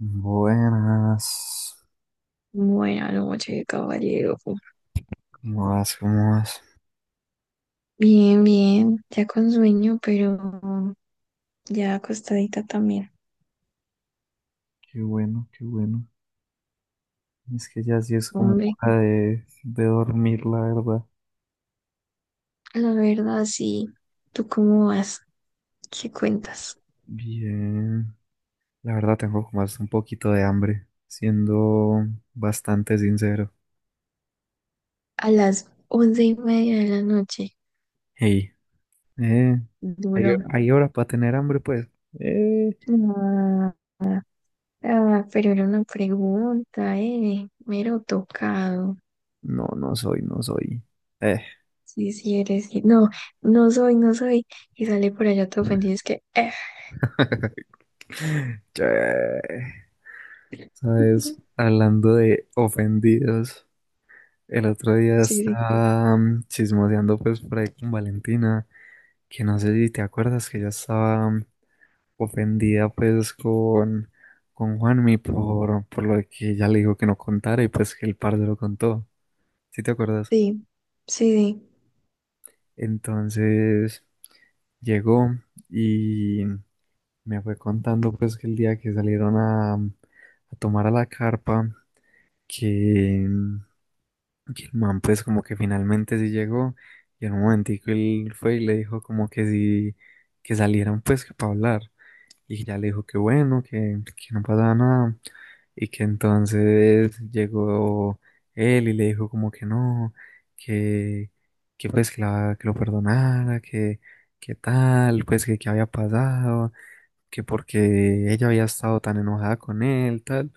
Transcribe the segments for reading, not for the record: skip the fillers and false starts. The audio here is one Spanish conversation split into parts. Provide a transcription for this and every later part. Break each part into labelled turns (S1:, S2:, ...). S1: Buenas.
S2: Buena noche, caballero.
S1: ¿Cómo vas? ¿Cómo vas?
S2: Bien, bien, ya con sueño, pero ya acostadita también.
S1: Qué bueno, qué bueno. Es que ya sí es como
S2: Hombre,
S1: hora de dormir, la verdad.
S2: la verdad, sí. ¿Tú cómo vas? ¿Qué cuentas?
S1: Bien. La verdad tengo como hasta un poquito de hambre, siendo bastante sincero.
S2: A las 11:30 de la noche.
S1: Hey, eh, ¿hay,
S2: Duro.
S1: hay hora para tener hambre, pues? Eh,
S2: Ah, ah, pero era una pregunta, eh. Mero tocado.
S1: no, no soy. Eh.
S2: Sí, sí eres. Sí. No, no soy, no soy. Y sale por allá todo ofendido. Es que, eh.
S1: Che. ¿Sabes? Hablando de ofendidos. El otro día
S2: Sí, sí,
S1: estaba chismoseando pues por ahí con Valentina, que no sé si te acuerdas que ella estaba ofendida pues con Juanmi por lo de que ella le dijo que no contara y pues que el parce lo contó, ¿sí te acuerdas?
S2: sí, sí. Sí.
S1: Entonces llegó y me fue contando pues que el día que salieron a, a tomar a la carpa, que, mm, y el man pues como que finalmente sí llegó y en un momentico él fue y le dijo como que sí, que salieran pues que para hablar. Y ya le dijo que bueno, que no pasaba nada. Y que entonces llegó él y le dijo como que no, que, que pues que, que lo perdonara, que tal, pues que había pasado, que porque ella había estado tan enojada con él, tal.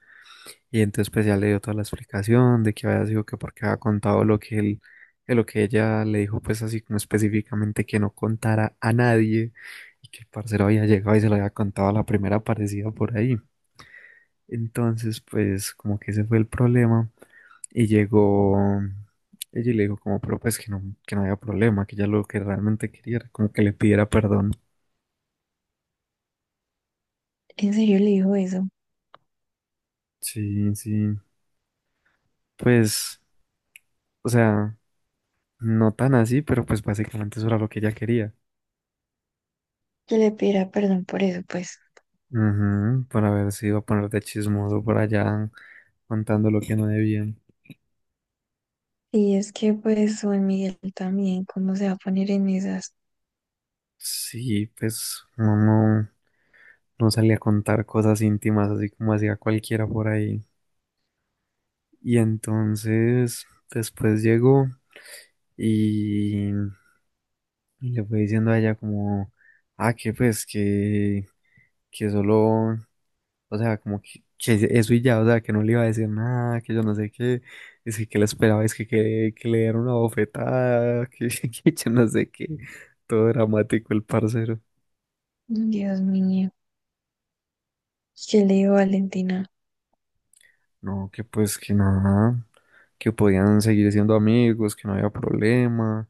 S1: Y entonces pues ya le dio toda la explicación de que había sido que porque había contado lo que él, que lo que ella le dijo pues así como específicamente que no contara a nadie y que el parcero había llegado y se lo había contado a la primera aparecida por ahí. Entonces pues como que ese fue el problema y llegó ella y le dijo como pero pues que no había problema, que ella lo que realmente quería era como que le pidiera perdón.
S2: ¿En serio le dijo eso?
S1: Sí, sí, pues o sea, no tan así, pero pues básicamente eso era lo que ella quería.
S2: Que le pidiera perdón por eso, pues.
S1: Ujú, para ver si iba a ponerte chismoso por allá contando lo que no debía.
S2: Y es que pues Juan Miguel también, ¿cómo se va a poner en esas?
S1: Sí, pues uno no, no salía a contar cosas íntimas así como hacía cualquiera por ahí. Y entonces después llegó y, y le fue diciendo a ella como, ah, que pues que solo. O sea, como que eso y ya, o sea, que no le iba a decir nada, que yo no sé qué, es que le esperaba, es que le dieron una bofetada, que, que yo no sé qué, todo dramático el parcero.
S2: Dios mío, ¿qué le digo Valentina?
S1: No, que pues que nada, que podían seguir siendo amigos, que no había problema,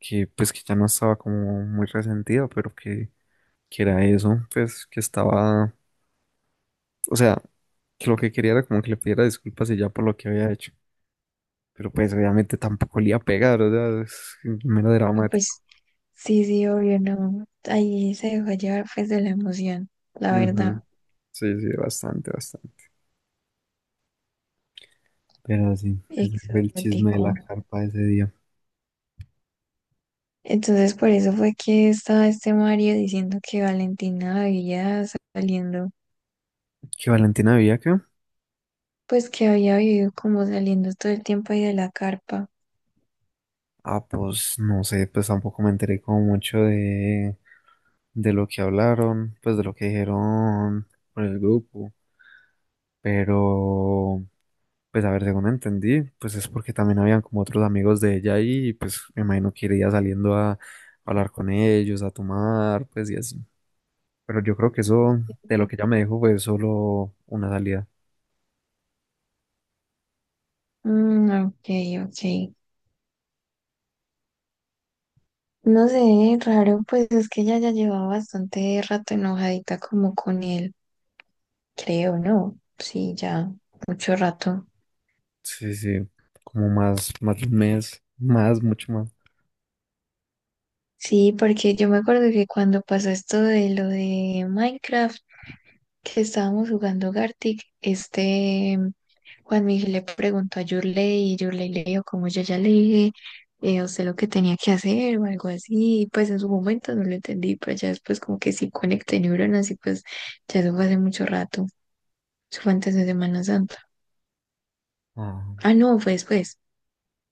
S1: que pues que ya no estaba como muy resentido, pero que era eso, pues que estaba, o sea, que lo que quería era como que le pidiera disculpas y ya por lo que había hecho. Pero pues obviamente tampoco le iba a pegar, o sea, es mero
S2: Ah,
S1: dramático.
S2: pues sí, sí, obvio, no. Ahí se dejó llevar pues de la emoción, la
S1: Ujú.
S2: verdad,
S1: Sí, sí, bastante, bastante. Pero sí, ese fue el chisme de la
S2: exótico.
S1: carpa de ese día.
S2: Entonces por eso fue que estaba este Mario diciendo que Valentina había saliendo,
S1: ¿Qué Valentina vivía acá?
S2: pues que había vivido como saliendo todo el tiempo ahí de la carpa.
S1: Ah, pues no sé, pues tampoco me enteré como mucho de lo que hablaron, pues de lo que dijeron por el grupo. Pero, pues a ver, según entendí, pues es porque también habían como otros amigos de ella ahí, y pues me imagino que iría saliendo a hablar con ellos, a tomar, pues y así. Pero yo creo que eso, de lo que ella me dijo, fue solo una salida.
S2: Mm, ok, ok. No sé, raro, pues es que ella ya llevaba bastante rato enojadita como con él, creo, ¿no? Sí, ya mucho rato.
S1: Sí, sí, como más, más de un mes, más, mucho más.
S2: Sí, porque yo me acuerdo que cuando pasó esto de lo de Minecraft, que estábamos jugando Gartic, este Juan Miguel le preguntó a Yurley y Yurley le dijo como yo ya le dije, a usted lo que tenía que hacer o algo así, y pues en su momento no lo entendí, pero ya después como que sí conecté neuronas y pues ya eso fue hace mucho rato, eso fue antes de Semana Santa.
S1: Ah,
S2: Ah, no, fue después.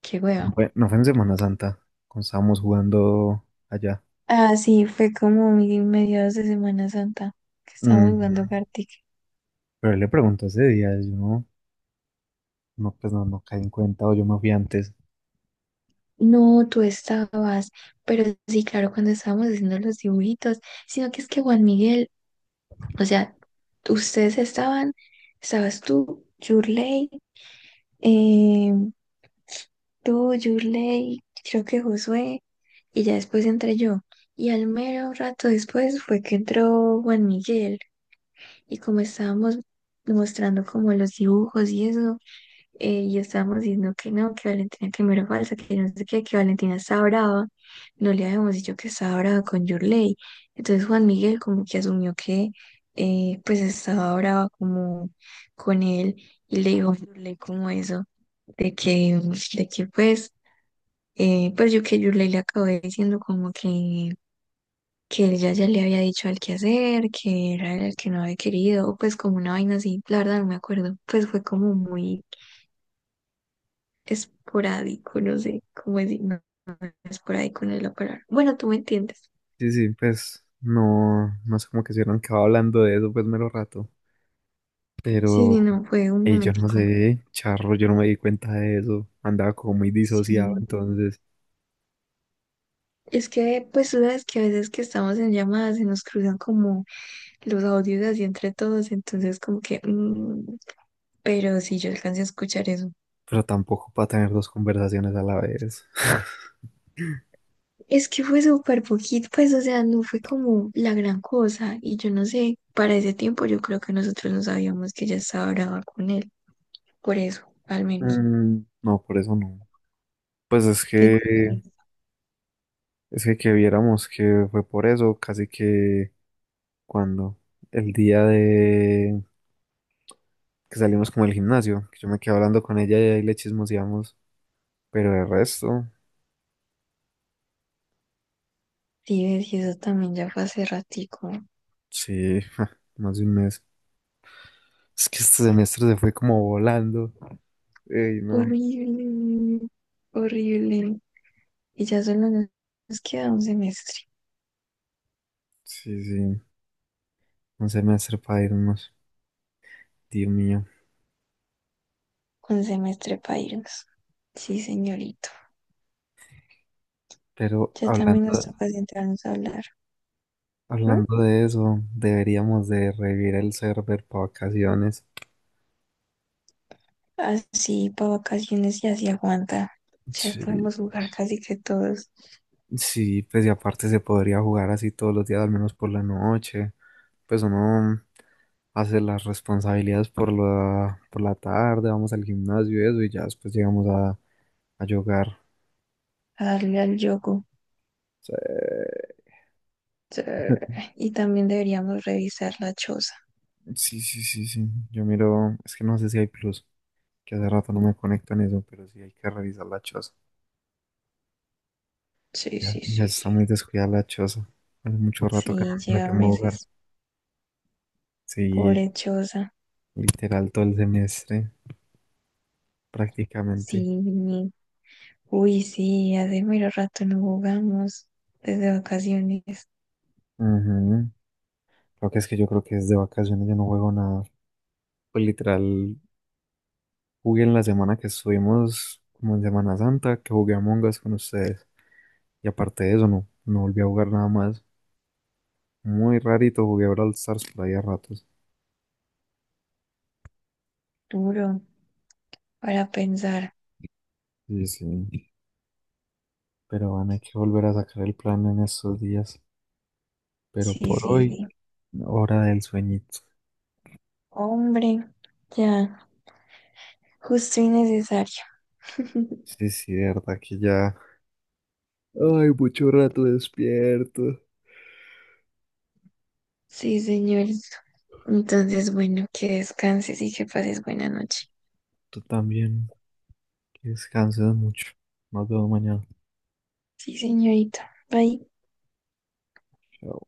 S2: Qué hueva.
S1: no fue en Semana Santa, cuando estábamos jugando allá.
S2: Ah, sí, fue como mi mediados de Semana Santa que
S1: Mm,
S2: estábamos jugando Gartic.
S1: Pero él le preguntó ese día, yo no, no, pues no, no caí en cuenta o yo me fui antes.
S2: No, tú estabas, pero sí, claro, cuando estábamos haciendo los dibujitos, sino que es que Juan Miguel, o sea, ustedes estaban, estabas eh, tú, Yurley, creo que Josué, y ya después entré yo. Y al mero rato después fue que entró Juan Miguel. Y como estábamos mostrando como los dibujos y eso, y estábamos diciendo que no, que Valentina primero falsa, que no sé qué, que Valentina estaba brava, no le habíamos dicho que estaba brava con Yurley. Entonces Juan Miguel como que asumió que pues estaba brava como con él y le dijo a Yurley como eso, de que, de que pues, pues yo que Yurley le acabé diciendo como que que ya le había dicho al que hacer, que era el que no había querido, o pues como una vaina así, la verdad no me acuerdo, pues fue como muy esporádico, no sé cómo decir, no, esporádico no es la palabra. Bueno, tú me entiendes.
S1: Sí, sí, pues no, no sé cómo que se hubieran quedado hablando de eso, pues mero rato.
S2: Sí,
S1: Pero
S2: sí, no, fue un
S1: ey, yo no
S2: momentico.
S1: sé, charro, yo no me di cuenta de eso, andaba como muy disociado
S2: Sí.
S1: entonces,
S2: Es que, pues tú sabes que a veces que estamos en llamadas se nos cruzan como los audios así entre todos, entonces como que, pero sí, yo alcancé a escuchar eso.
S1: pero tampoco para tener dos conversaciones a la vez.
S2: Es que fue súper poquito, pues, o sea, no fue como la gran cosa. Y yo no sé, para ese tiempo yo creo que nosotros no sabíamos que ella estaba brava con él, por eso, al menos.
S1: Mm, no, por eso no. Pues
S2: Entonces,
S1: es que viéramos que fue por eso, casi que cuando el día de que salimos como del gimnasio, que yo me quedé hablando con ella y ahí le chismoseamos, pero el resto,
S2: sí, ves, y eso también ya fue hace ratico.
S1: sí, más de un mes. Es que este semestre se fue como volando. Ey, no,
S2: Horrible, horrible. Y ya solo nos queda
S1: sí, sí, un semestre para irnos, Dios mío.
S2: un semestre para irnos. Sí, señorito.
S1: Pero
S2: Ya también nos
S1: hablando,
S2: toca sentarnos a hablar. ¿M?
S1: hablando de eso, deberíamos de revivir el server para vacaciones.
S2: Así para vacaciones y así aguanta. Ya
S1: Sí.
S2: podemos jugar casi que todos.
S1: Sí, pues y aparte se podría jugar así todos los días, al menos por la noche. Pues uno hace las responsabilidades por por la tarde, vamos al gimnasio y eso, y ya después llegamos a jugar.
S2: A darle al yogur.
S1: Sí,
S2: Sí, y también deberíamos revisar la choza.
S1: sí, sí, sí, sí. Yo miro, es que no sé si hay plus, que hace rato no me conecto en eso, pero sí hay que revisar la choza.
S2: Sí, sí,
S1: Ya
S2: sí,
S1: está
S2: sí.
S1: muy descuidada la choza. Hace mucho rato que no
S2: Sí,
S1: me
S2: lleva
S1: tengo a jugar.
S2: meses.
S1: Sí,
S2: Pobre choza.
S1: literal todo el semestre, prácticamente.
S2: Sí. Uy, sí, hace mero rato no jugamos. Desde vacaciones.
S1: Ujú. Creo que es que yo creo que es de vacaciones, yo no juego nada. Pues literal, jugué en la semana que estuvimos, como en Semana Santa, que jugué a Us con ustedes. Y aparte de eso, no, no volví a jugar nada más. Muy rarito jugué a Brawl Stars por ahí a ratos.
S2: Duro para pensar.
S1: Sí, sí. Pero van, hay que volver a sacar el plan en estos días. Pero
S2: Sí,
S1: por
S2: sí,
S1: hoy,
S2: sí.
S1: hora del sueñito.
S2: Hombre, ya. Justo y necesario.
S1: Sí, sí, de verdad que ya. Ay, mucho rato despierto.
S2: Sí, señorito. Entonces, bueno, que descanses y que pases buena noche.
S1: Tú también, que descanses mucho. Nos vemos mañana.
S2: Sí, señorita. Bye.
S1: Chao.